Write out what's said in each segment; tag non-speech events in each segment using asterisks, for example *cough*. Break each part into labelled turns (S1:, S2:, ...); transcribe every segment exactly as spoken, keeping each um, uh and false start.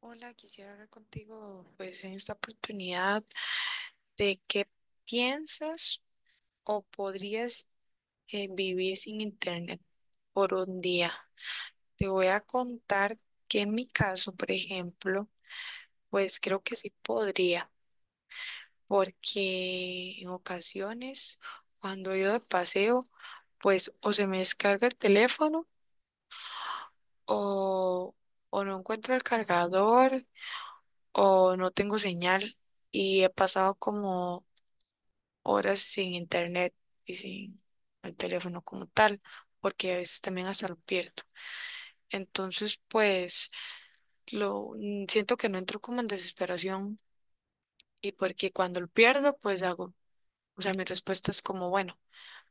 S1: Hola, quisiera hablar contigo pues en esta oportunidad de qué piensas o podrías eh, vivir sin internet por un día. Te voy a contar que en mi caso, por ejemplo, pues creo que sí podría, porque en ocasiones cuando he ido de paseo, pues o se me descarga el teléfono o, o no encuentro el cargador o no tengo señal y he pasado como horas sin internet y sin el teléfono como tal, porque a veces también hasta lo pierdo. Entonces, pues, lo mm, siento que no entro como en desesperación y porque cuando lo pierdo, pues hago, o sea, mi respuesta es como, bueno,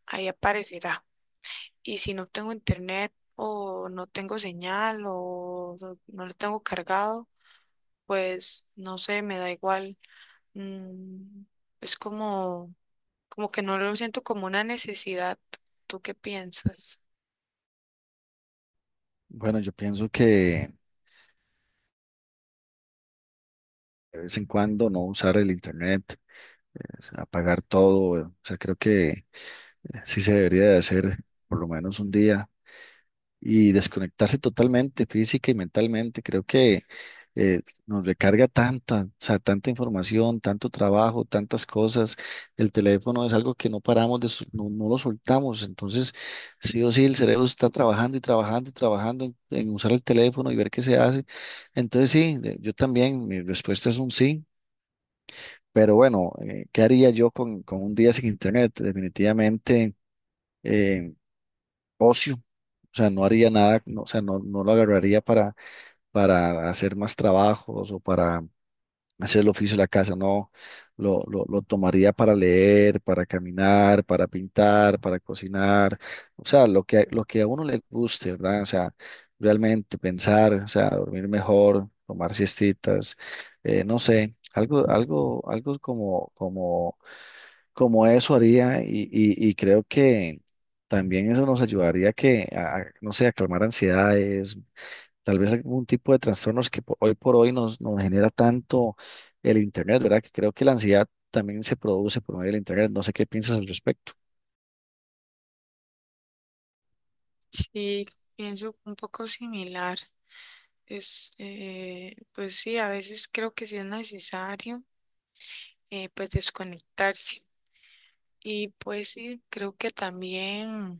S1: ahí aparecerá. Y si no tengo internet o no tengo señal o no no lo tengo cargado, pues, no sé, me da igual. Mm, es como como que no lo siento como una necesidad. ¿Tú qué piensas?
S2: Bueno, yo pienso que de vez en cuando no usar el internet, es apagar todo, o sea, creo que eh, sí se debería de hacer por lo menos un día, y desconectarse totalmente física y mentalmente. Creo que eh, nos recarga tanta, o sea, tanta información, tanto trabajo, tantas cosas. El teléfono es algo que no paramos de, sol- no, no lo soltamos. Entonces, sí o sí, el cerebro está trabajando y trabajando y trabajando en, en usar el teléfono y ver qué se hace. Entonces, sí, de- yo también, mi respuesta es un sí. Pero bueno, eh, ¿qué haría yo con, con un día sin internet? Definitivamente eh, ocio. O sea, no haría nada, no, o sea, no, no lo agarraría para, para hacer más trabajos o para hacer el oficio de la casa, no. Lo, lo, lo tomaría para leer, para caminar, para pintar, para cocinar. O sea, lo que, lo que a uno le guste, ¿verdad? O sea, realmente pensar, o sea, dormir mejor, tomar siestitas, eh, no sé, algo, algo, algo como, como como eso haría y, y- y creo que también eso nos ayudaría que, a, a, no sé, a calmar ansiedades, tal vez algún tipo de trastornos que po- hoy por hoy nos, nos genera tanto el Internet, ¿verdad? Que creo que la ansiedad también se produce por medio del Internet. No sé qué piensas al respecto.
S1: Sí, pienso un poco similar. Es, eh, pues sí, a veces creo que sí es necesario, eh, pues desconectarse. Y pues sí, creo que también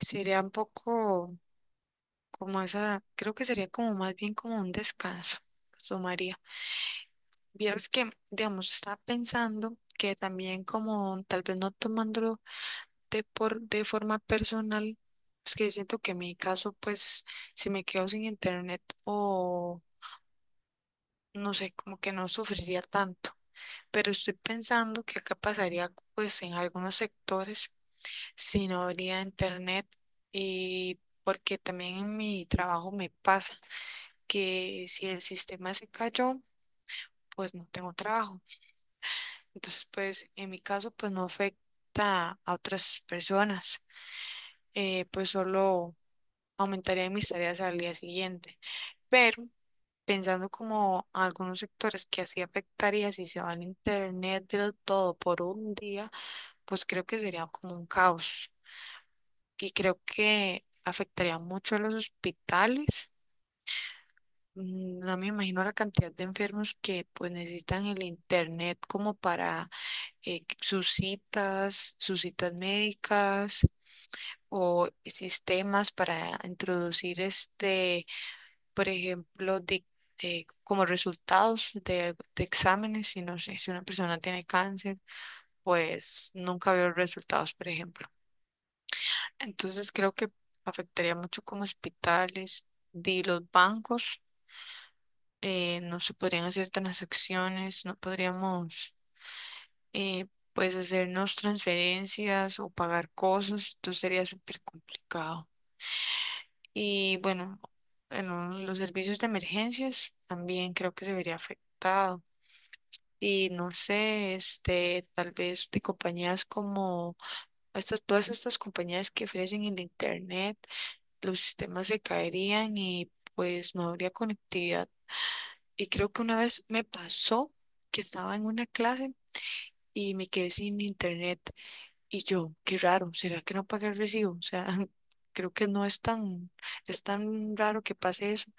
S1: sería un poco como esa, creo que sería como más bien como un descanso, tomaría. Vieras que, digamos, estaba pensando que también como tal vez no tomándolo de, por, de forma personal, es que siento que en mi caso, pues, si me quedo sin internet o no sé, como que no sufriría tanto. Pero estoy pensando que acá pasaría, pues, en algunos sectores si no habría internet y porque también en mi trabajo me pasa que si el sistema se cayó, pues no tengo trabajo. Entonces, pues, en mi caso, pues no afecta a otras personas. Eh, pues solo aumentaría mis tareas al día siguiente. Pero pensando como algunos sectores que así afectaría si se va el internet del todo por un día, pues creo que sería como un caos y creo que afectaría mucho a los hospitales. Mm, No me imagino la cantidad de enfermos que pues necesitan el internet como para eh, sus citas, sus citas médicas o sistemas para introducir este por ejemplo, de, de- como resultados de, de exámenes, y no sé, si una persona tiene cáncer, pues nunca veo resultados, por ejemplo. Entonces creo que afectaría mucho como hospitales, de los bancos, eh, no se podrían hacer transacciones, no podríamos, eh, pues, hacernos transferencias o pagar cosas, entonces sería súper complicado. Y bueno, en los servicios de emergencias también creo que se vería afectado. Y no sé, este, tal vez de compañías como estas, todas estas compañías que ofrecen el internet, los sistemas se caerían y pues no habría conectividad. Y creo que una vez me pasó que estaba en una clase y me quedé sin internet. Y yo, qué raro, ¿será que no pagué el recibo? O sea, *laughs* creo que no es tan, es tan raro que pase eso.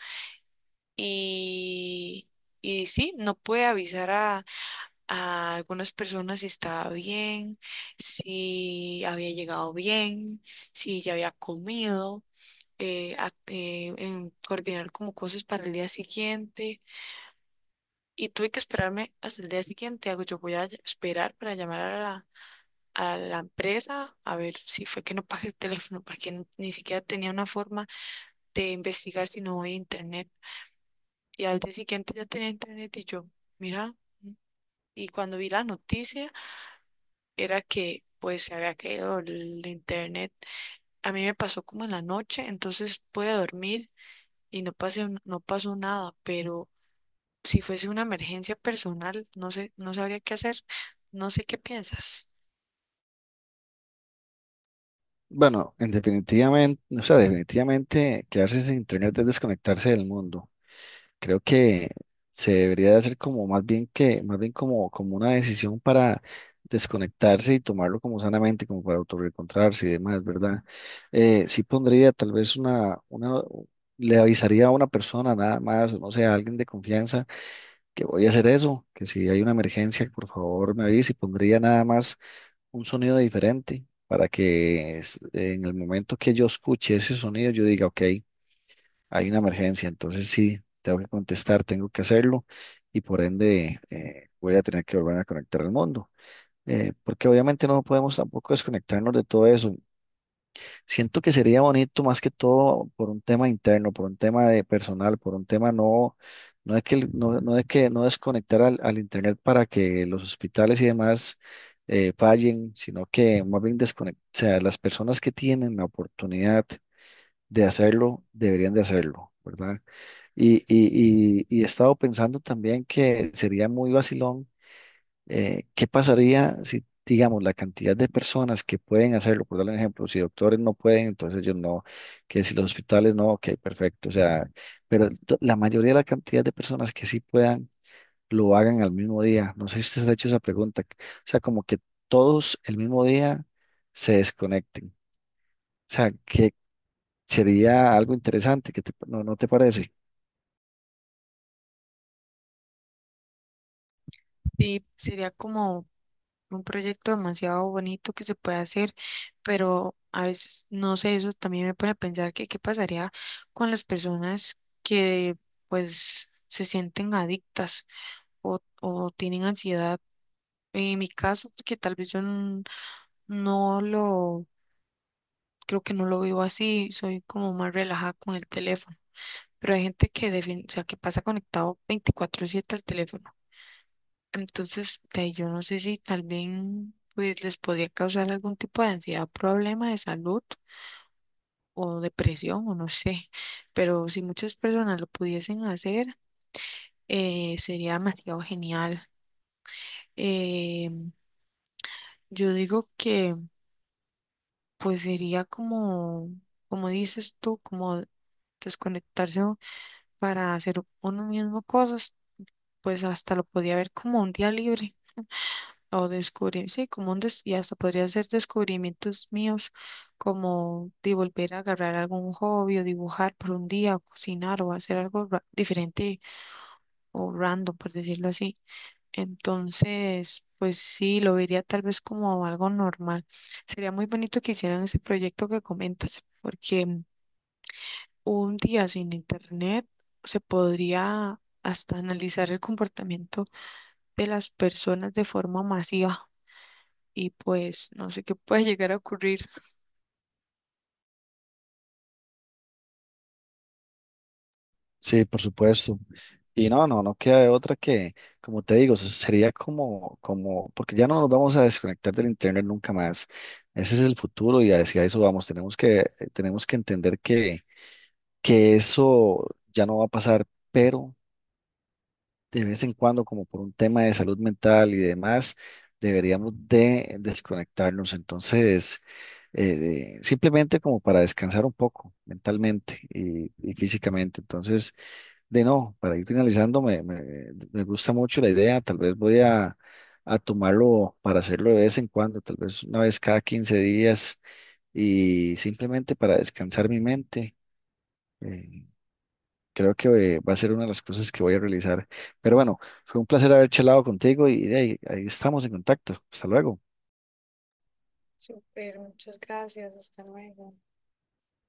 S1: Y, y sí, no puede avisar a a algunas personas si estaba bien, si había llegado bien, si ya había comido, eh, a- eh, en coordinar como cosas para el día siguiente. Y tuve que esperarme hasta el día siguiente. Hago, yo voy a ll- esperar para llamar a la, a la empresa a ver si fue que no pagué el teléfono, porque n- ni siquiera tenía una forma de investigar si no había internet. Y al día siguiente ya tenía internet y yo, mira. Y cuando vi la noticia, era que pues se había caído el internet. A mí me pasó como en la noche, entonces pude dormir y no pasé, un- no pasó nada, pero si fuese una emergencia personal, no sé, no sabría qué hacer, no sé qué piensas.
S2: Bueno, en definitivamente, o sea, definitivamente quedarse sin Internet es desconectarse del mundo. Creo que se debería de hacer como más bien que, más bien como, como una decisión para desconectarse y tomarlo como sanamente, como para autorreencontrarse y demás, ¿verdad? Eh, sí pondría tal vez una, una, le avisaría a una persona nada más, o no sé, a alguien de confianza que voy a hacer eso, que si hay una emergencia, por favor me avise y pondría nada más un sonido diferente para que es- en el momento que yo escuche ese sonido yo diga, ok, hay una emergencia, entonces sí, tengo que contestar, tengo que hacerlo y por ende eh, voy a tener que volver a conectar al mundo. Eh, porque obviamente no podemos tampoco desconectarnos de todo eso. Siento que sería bonito más que todo por un tema interno, por un tema de personal, por un tema no, no de que, el- no, no de que no desconectar al, al internet para que los hospitales y demás eh, fallen, sino que más bien desconectar, o sea, las personas que tienen la oportunidad de hacerlo, deberían de hacerlo, ¿verdad? Y, y, y, y he estado pensando también que sería muy vacilón, eh, ¿qué pasaría si, digamos, la cantidad de personas que pueden hacerlo, por darle un ejemplo, si doctores no pueden, entonces ellos no, que si los hospitales no, ok, perfecto, o sea, pero to- la mayoría de la cantidad de personas que sí puedan, lo hagan al mismo día. No sé si ustedes han hecho esa pregunta, o sea, como que todos el mismo día se desconecten, o sea, que sería algo interesante, que te- no, ¿no te parece?
S1: Sí, sería como un proyecto demasiado bonito que se puede hacer, pero a veces, no sé, eso también me pone a pensar que qué pasaría con las personas que pues se sienten adictas o, o tienen ansiedad. En mi caso, porque tal vez yo n- no lo, creo que no lo vivo así, soy como más relajada con el teléfono, pero hay gente que, defin- o sea, que pasa conectado veinticuatro siete al teléfono. Entonces, de ahí yo no sé si tal vez pues, les podría causar algún tipo de ansiedad, problema de salud o depresión o no sé, pero si muchas personas lo pudiesen hacer, eh, sería demasiado genial. Eh, yo digo que pues sería como, como dices tú, como desconectarse u- para hacer uno mismo cosas, pues hasta lo podía ver como un día libre o descubrir, sí, como un des- y hasta podría ser descubrimientos míos, como de volver a agarrar algún hobby o dibujar por un día, o cocinar o hacer algo ra- diferente o random, por decirlo así. Entonces, pues sí, lo vería tal vez como algo normal. Sería muy bonito que hicieran ese proyecto que comentas, porque un día sin internet se podría hasta analizar el comportamiento de las personas de forma masiva y pues no sé qué puede llegar a ocurrir.
S2: Sí, por supuesto. Y no, no, no queda de otra que, como te digo, se- sería como, como, porque ya no nos vamos a desconectar del internet nunca más. Ese es el futuro y hacia eso vamos. Tenemos que, tenemos que entender que, que eso ya no va a pasar, pero de vez en cuando, como por un tema de salud mental y demás, deberíamos de desconectarnos. Entonces, eh, simplemente como para descansar un poco mentalmente y, y físicamente. Entonces, de no, para ir finalizando, me, me, me gusta mucho la idea. Tal vez voy a, a tomarlo para hacerlo de vez en cuando, tal vez una vez cada quince días y simplemente para descansar mi mente. Eh, creo que eh, va a ser una de las cosas que voy a realizar. Pero bueno, fue un placer haber charlado contigo y de ahí ahí estamos en contacto. Hasta luego.
S1: Súper, muchas gracias, hasta luego.